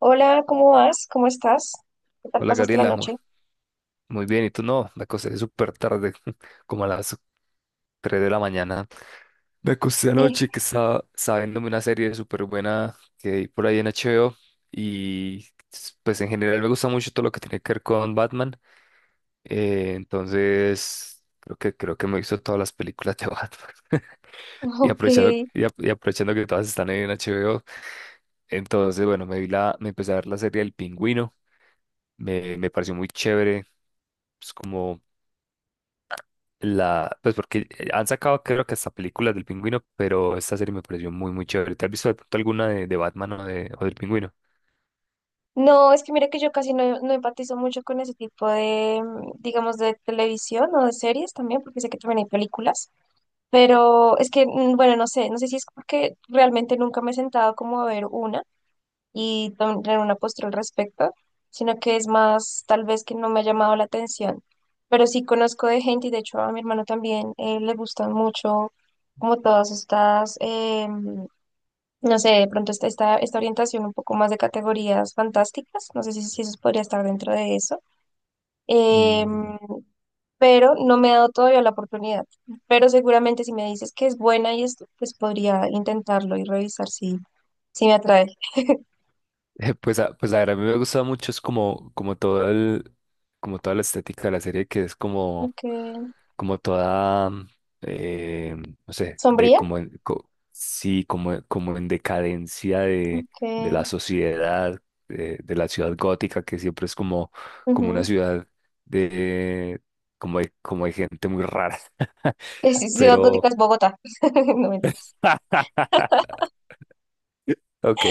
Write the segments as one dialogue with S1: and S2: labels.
S1: Hola, ¿cómo vas? ¿Cómo estás? ¿Qué tal
S2: Hola
S1: pasaste la
S2: Gabriela,
S1: noche?
S2: muy bien, ¿y tú no? Me acosté súper tarde, como a las 3 de la mañana. Me acosté
S1: Eh,
S2: anoche que estaba viéndome una serie súper buena que hay por ahí en HBO y pues en general me gusta mucho todo lo que tiene que ver con Batman. Entonces creo que me he visto todas las películas de Batman y
S1: ok.
S2: aprovechando que todas están en HBO. Entonces, bueno, me empecé a ver la serie El Pingüino, me pareció muy chévere, pues, como La, pues porque han sacado creo que hasta películas del pingüino, pero esta serie me pareció muy chévere. ¿Te has visto de pronto alguna de Batman o del pingüino?
S1: No, es que mira que yo casi no, empatizo mucho con ese tipo de, digamos, de televisión o de series también, porque sé que también hay películas, pero es que, bueno, no sé, no sé si es porque realmente nunca me he sentado como a ver una y tener una postura al respecto, sino que es más tal vez que no me ha llamado la atención, pero sí conozco de gente y de hecho a mi hermano también le gustan mucho como todas estas. No sé, de pronto está esta orientación un poco más de categorías fantásticas, no sé si eso podría estar dentro de eso.
S2: Mm.
S1: Em, pero no me ha dado todavía la oportunidad. Pero seguramente si me dices que es buena y esto, pues podría intentarlo y revisar si me atrae.
S2: Pues a ver, a mí me gusta mucho, es como, como toda la estética de la serie, que es como,
S1: Okay.
S2: como toda, eh, no sé, de
S1: ¿Sombría?
S2: como, en- co- sí, como, como en decadencia de
S1: Okay.
S2: la sociedad, de la ciudad gótica, que siempre es como, como una
S1: Ujú.
S2: ciudad de, como de gente muy rara,
S1: Es Ciudad Gótica,
S2: pero,
S1: es Bogotá, no mentiras.
S2: ok.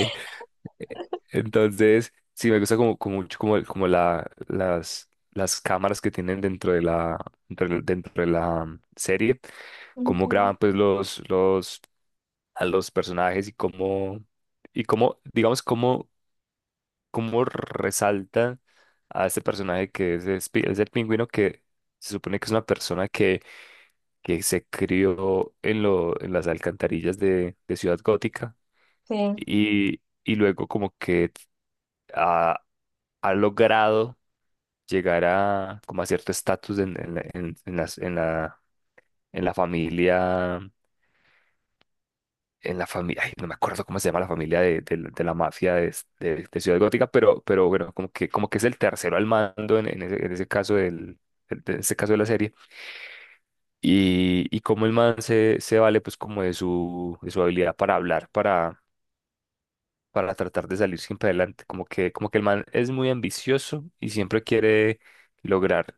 S2: Entonces, sí, me gusta como, como mucho como, las cámaras que tienen dentro de la, dentro de la serie, cómo
S1: Okay.
S2: graban pues los, a los personajes y cómo, digamos, cómo, cómo resalta a este personaje que es el pingüino que se supone que es una persona que se crió en las alcantarillas de Ciudad Gótica
S1: Sí,
S2: y luego como que ha, ha logrado llegar a como a cierto estatus en la, en la familia, en la familia, ay, no me acuerdo cómo se llama la familia de la mafia de, de Ciudad Gótica, pero bueno, como que es el tercero al mando en ese caso del, de ese caso de la serie. Y cómo el man se vale pues como de su habilidad para hablar, para tratar de salir siempre adelante. Como que el man es muy ambicioso y siempre quiere lograr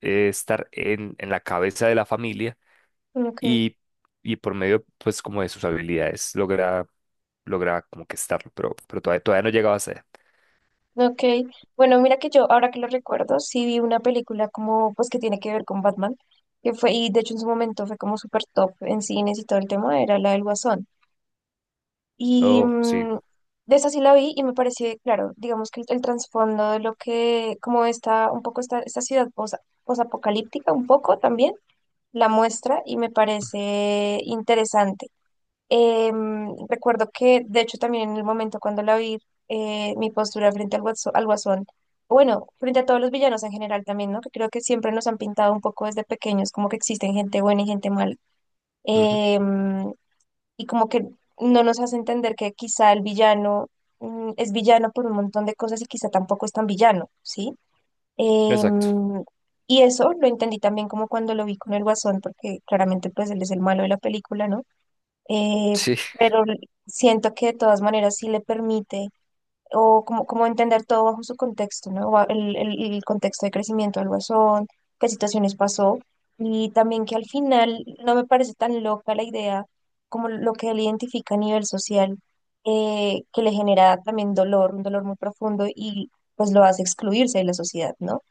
S2: estar en la cabeza de la familia
S1: ok.
S2: y, y por medio, pues, como de sus habilidades, logra como que estarlo, pero todavía, todavía no llegaba a ser.
S1: Ok, bueno, mira que yo, ahora que lo recuerdo, sí vi una película como, pues que tiene que ver con Batman, que fue, y de hecho en su momento fue como súper top en cines y todo el tema, era la del Guasón. Y
S2: Oh, sí.
S1: de esa sí la vi y me pareció, claro, digamos que el trasfondo de lo que, como está un poco esta ciudad posapocalíptica, un poco también, la muestra y me parece interesante. Recuerdo que, de hecho, también en el momento cuando la vi, mi postura frente al al guasón, bueno, frente a todos los villanos en general también, ¿no? Que creo que siempre nos han pintado un poco desde pequeños, como que existen gente buena y gente mala.
S2: Ujú.
S1: Em, y como que no nos hace entender que quizá el villano, es villano por un montón de cosas y quizá tampoco es tan villano, ¿sí?
S2: Exacto.
S1: Em, y eso lo entendí también como cuando lo vi con el guasón, porque claramente pues él es el malo de la película, ¿no? eh,
S2: Sí.
S1: pero siento que de todas maneras sí le permite o como entender todo bajo su contexto, ¿no? El, el contexto de crecimiento del guasón, qué situaciones pasó y también que al final no me parece tan loca la idea como lo que él identifica a nivel social, que le genera también dolor, un dolor muy profundo y pues lo hace excluirse de la sociedad, ¿no?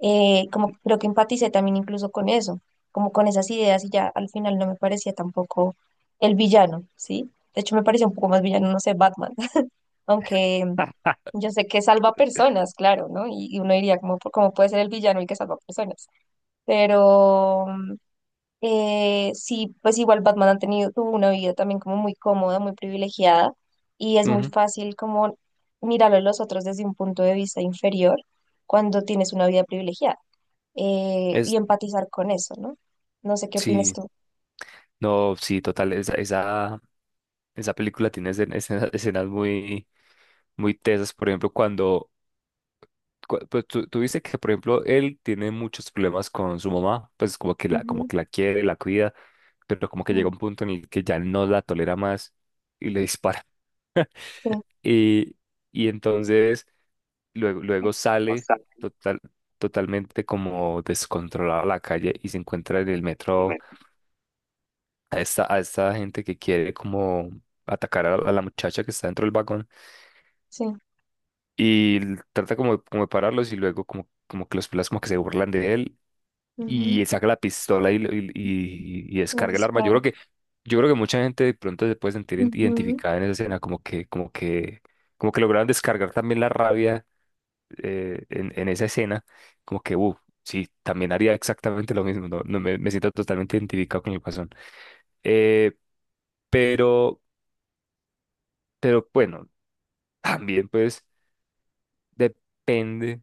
S1: Como que creo que empaticé también incluso con eso, como con esas ideas y ya al final no me parecía tampoco el villano, ¿sí? De hecho me parecía un poco más villano, no sé, Batman, aunque yo sé que salva personas, claro, ¿no? Y uno diría, ¿cómo, cómo puede ser el villano el que salva personas? Pero sí, pues igual Batman ha tuvo una vida también como muy cómoda, muy privilegiada y es muy
S2: Ujú.
S1: fácil como mirarlo a los otros desde un punto de vista inferior cuando tienes una vida privilegiada y
S2: Es,
S1: empatizar con eso, ¿no? No sé qué opinas
S2: sí,
S1: tú.
S2: no, sí, total. Esa película tiene escenas muy tesas. Por ejemplo, cuando pues tú dices que, por ejemplo, él tiene muchos problemas con su mamá, pues como
S1: Ujú,
S2: que la quiere, la cuida, pero como que
S1: ujú,
S2: llega un punto en el que ya no la tolera más y le dispara.
S1: sí,
S2: Y, y entonces luego sale total, totalmente como descontrolado a la calle y se encuentra en el metro a esta gente que quiere como atacar a la muchacha que está dentro del vagón
S1: sí,
S2: y trata como, como de pararlos y luego como, como que los pelas como que se burlan de él
S1: ujú.
S2: y saca la pistola y
S1: Los
S2: descarga el arma.
S1: disparos.
S2: Yo creo que mucha gente de pronto se puede sentir
S1: Ujú,
S2: identificada en esa escena, como que, como que, como que lograron descargar también la rabia en esa escena, como que, sí, también haría exactamente lo mismo, no me, me siento totalmente identificado con el Guasón. Eh, pero, pero bueno, también pues depende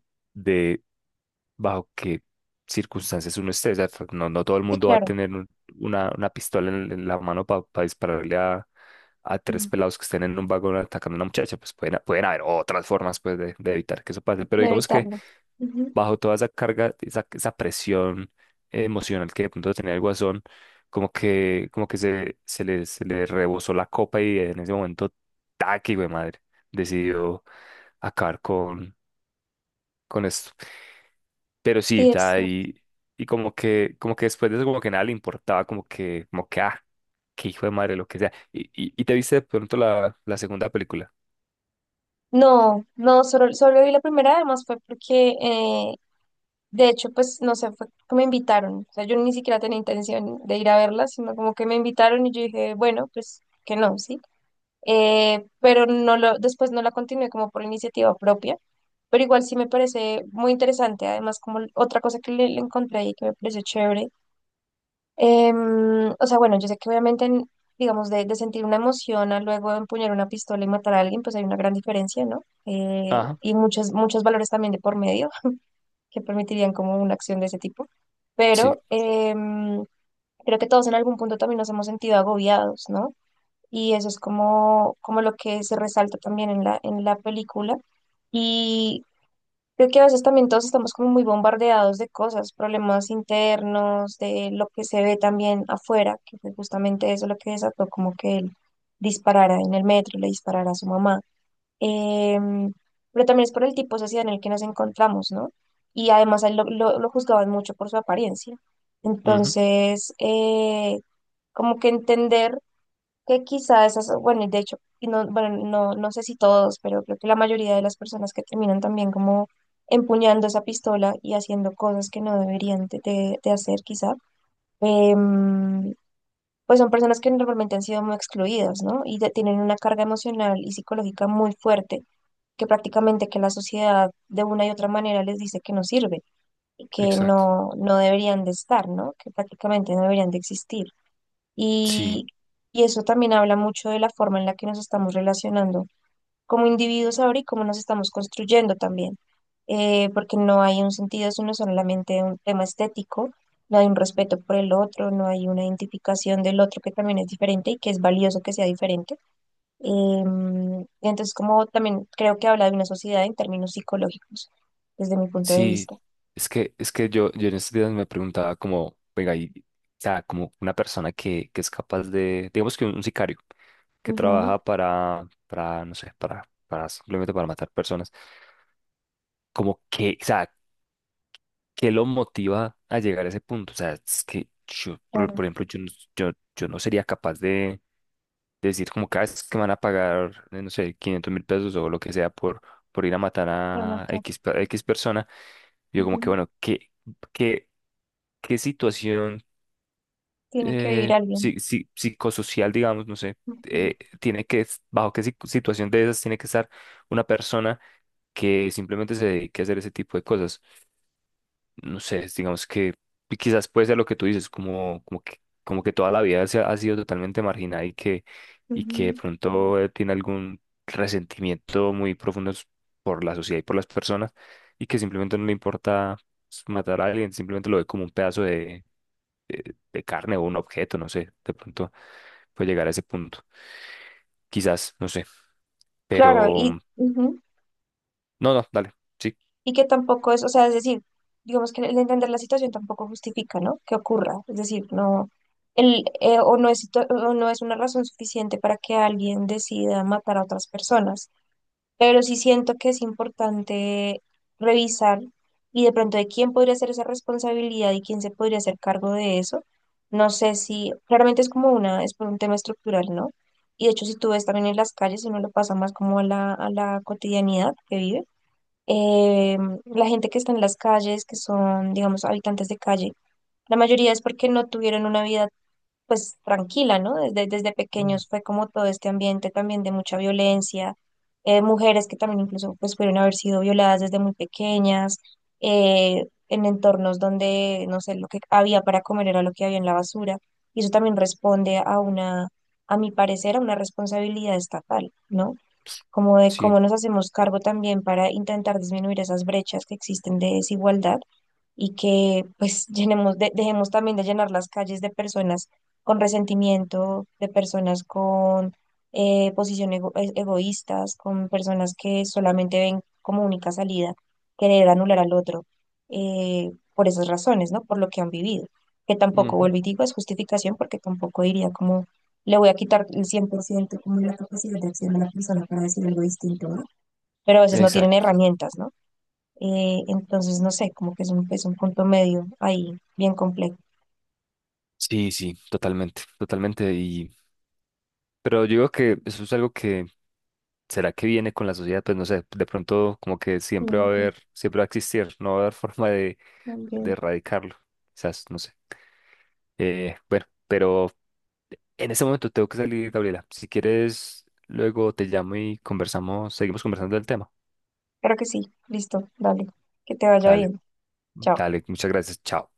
S2: bajo qué circunstancias uno esté. O sea, no, no todo el
S1: sí,
S2: mundo va a
S1: claro,
S2: tener una pistola en la mano para dispararle a tres
S1: ujú,
S2: pelados que estén en un vagón atacando a una muchacha. Pues pueden haber otras formas pues, de evitar que eso pase. Pero
S1: de
S2: digamos que
S1: evitarlos. Ujú,
S2: bajo toda esa carga, esa presión emocional que de pronto tenía el Guasón, como que se le rebosó la copa y en ese momento, taqui, güey, madre, decidió acabar con esto. Pero sí, o
S1: sí,
S2: sea,
S1: eso.
S2: y como que después de eso, como que nada le importaba, como que, ah, qué hijo de madre, lo que sea. Y te viste de pronto la, la segunda película.
S1: No, solo, solo vi la primera, además fue porque, de hecho, pues, no sé, fue que me invitaron. O sea, yo ni siquiera tenía intención de ir a verla, sino como que me invitaron y yo dije, bueno, pues, que no, ¿sí? Pero no lo, después no la continué como por iniciativa propia, pero igual sí me parece muy interesante, además como otra cosa que le encontré ahí que me pareció chévere, o sea, bueno, yo sé que obviamente, digamos, de sentir una emoción a luego empuñar una pistola y matar a alguien, pues hay una gran diferencia, ¿no?
S2: Ajá,
S1: Y muchos valores también de por medio que permitirían como una acción de ese tipo,
S2: sí,
S1: pero creo que todos en algún punto también nos hemos sentido agobiados, ¿no? Y eso es como, como lo que se resalta también en en la película. Y creo que a veces también todos estamos como muy bombardeados de cosas, problemas internos, de lo que se ve también afuera, que fue justamente eso lo que desató como que él disparara en el metro, le disparara a su mamá. Em, pero también es por el tipo de sociedad en el que nos encontramos, ¿no? Y además a él lo juzgaban mucho por su apariencia.
S2: ujú,
S1: Entonces, como que entender que quizá esas, bueno, y de hecho, y no, bueno, no, no sé si todos, pero creo que la mayoría de las personas que terminan también como empuñando esa pistola y haciendo cosas que no deberían de hacer quizá, em, pues son personas que normalmente han sido muy excluidas, ¿no? Y tienen una carga emocional y psicológica muy fuerte, que prácticamente que la sociedad de una y otra manera les dice que no sirve y que
S2: exacto.
S1: no, no deberían de estar, ¿no? Que prácticamente no deberían de existir.
S2: Sí,
S1: Y, y eso también habla mucho de la forma en la que nos estamos relacionando como individuos ahora y cómo nos estamos construyendo también. Porque no hay un sentido, es uno solamente un tema estético, no hay un respeto por el otro, no hay una identificación del otro que también es diferente y que es valioso que sea diferente. Y entonces, como también creo que habla de una sociedad en términos psicológicos, desde mi punto de
S2: sí,
S1: vista.
S2: es que yo en estos días me preguntaba como, venga, y, o sea, como una persona que es capaz de, digamos que un sicario, que
S1: Ujú,
S2: trabaja para, no sé, para simplemente para matar personas, como que, o sea, ¿qué lo motiva a llegar a ese punto? O sea, es que yo,
S1: claro,
S2: por ejemplo, yo, yo no sería capaz de decir como cada vez que me van a pagar, no sé, 500 mil pesos o lo que sea por ir a matar
S1: claro,
S2: a
S1: claro.
S2: X, a X persona. Yo como que,
S1: Ujú,
S2: bueno, qué, ¿qué situación
S1: tiene que vivir alguien.
S2: psicosocial, digamos, no sé,
S1: Ujú,
S2: bajo qué situación de esas tiene que estar una persona que simplemente se dedique a hacer ese tipo de cosas? No sé, digamos que quizás puede ser lo que tú dices, como, como que toda la vida ha sido totalmente marginada y que de
S1: ujú.
S2: pronto tiene algún resentimiento muy profundo por la sociedad y por las personas y que simplemente no le importa matar a alguien, simplemente lo ve como un pedazo de carne o un objeto, no sé, de pronto puede llegar a ese punto, quizás, no sé,
S1: Claro,
S2: pero
S1: y,
S2: mm,
S1: ujú,
S2: no, no, dale, sí.
S1: y que tampoco es, o sea, es decir, digamos que el entender la situación tampoco justifica, ¿no? Que ocurra, es decir, no, el, o no es, o no es una razón suficiente para que alguien decida matar a otras personas, pero sí siento que es importante revisar y de pronto de quién podría ser esa responsabilidad y quién se podría hacer cargo de eso. No sé si, claramente es como una, es por un tema estructural, ¿no? Y de hecho, si tú ves también en las calles, uno lo pasa más como a a la cotidianidad que vive eh, la gente que está en las calles, que son, digamos, habitantes de calle, la mayoría es porque no tuvieron una vida, pues, tranquila, ¿no? Desde, desde
S2: Mm.
S1: pequeños fue como todo este ambiente también de mucha violencia, mujeres que también incluso, pues, pudieron haber sido violadas desde muy pequeñas, en entornos donde, no sé, lo que había para comer era lo que había en la basura, y eso también responde a una, a mi parecer, a una responsabilidad estatal, ¿no? Como de
S2: Sí,
S1: cómo nos hacemos cargo también para intentar disminuir esas brechas que existen de desigualdad y que pues llenemos dejemos también de llenar las calles de personas con resentimiento, de personas con posiciones egoístas, con personas que solamente ven como única salida querer anular al otro por esas razones, ¿no? Por lo que han vivido, que tampoco,
S2: ujú.
S1: vuelvo y digo, es justificación porque tampoco diría como le voy a quitar el 100% como la capacidad de acción de la persona para decir algo distinto, ¿no? Pero a veces no tienen
S2: Exacto,
S1: herramientas, ¿no? Entonces, no sé, como que es un punto medio ahí, bien complejo.
S2: sí, sí, totalmente, totalmente. Pero yo digo que eso es algo que, ¿será que viene con la sociedad? Pues no sé, de pronto como que siempre
S1: Mm,
S2: va a
S1: ok,
S2: haber, siempre va a existir, no va a haber forma
S1: muy
S2: de
S1: bien.
S2: erradicarlo, quizás, no sé. Bueno, pero en ese momento tengo que salir, Gabriela. Si quieres, luego te llamo y conversamos, seguimos conversando del tema.
S1: Creo que sí, listo, dale, que te vaya
S2: Dale,
S1: bien, chao.
S2: dale, muchas gracias, chao.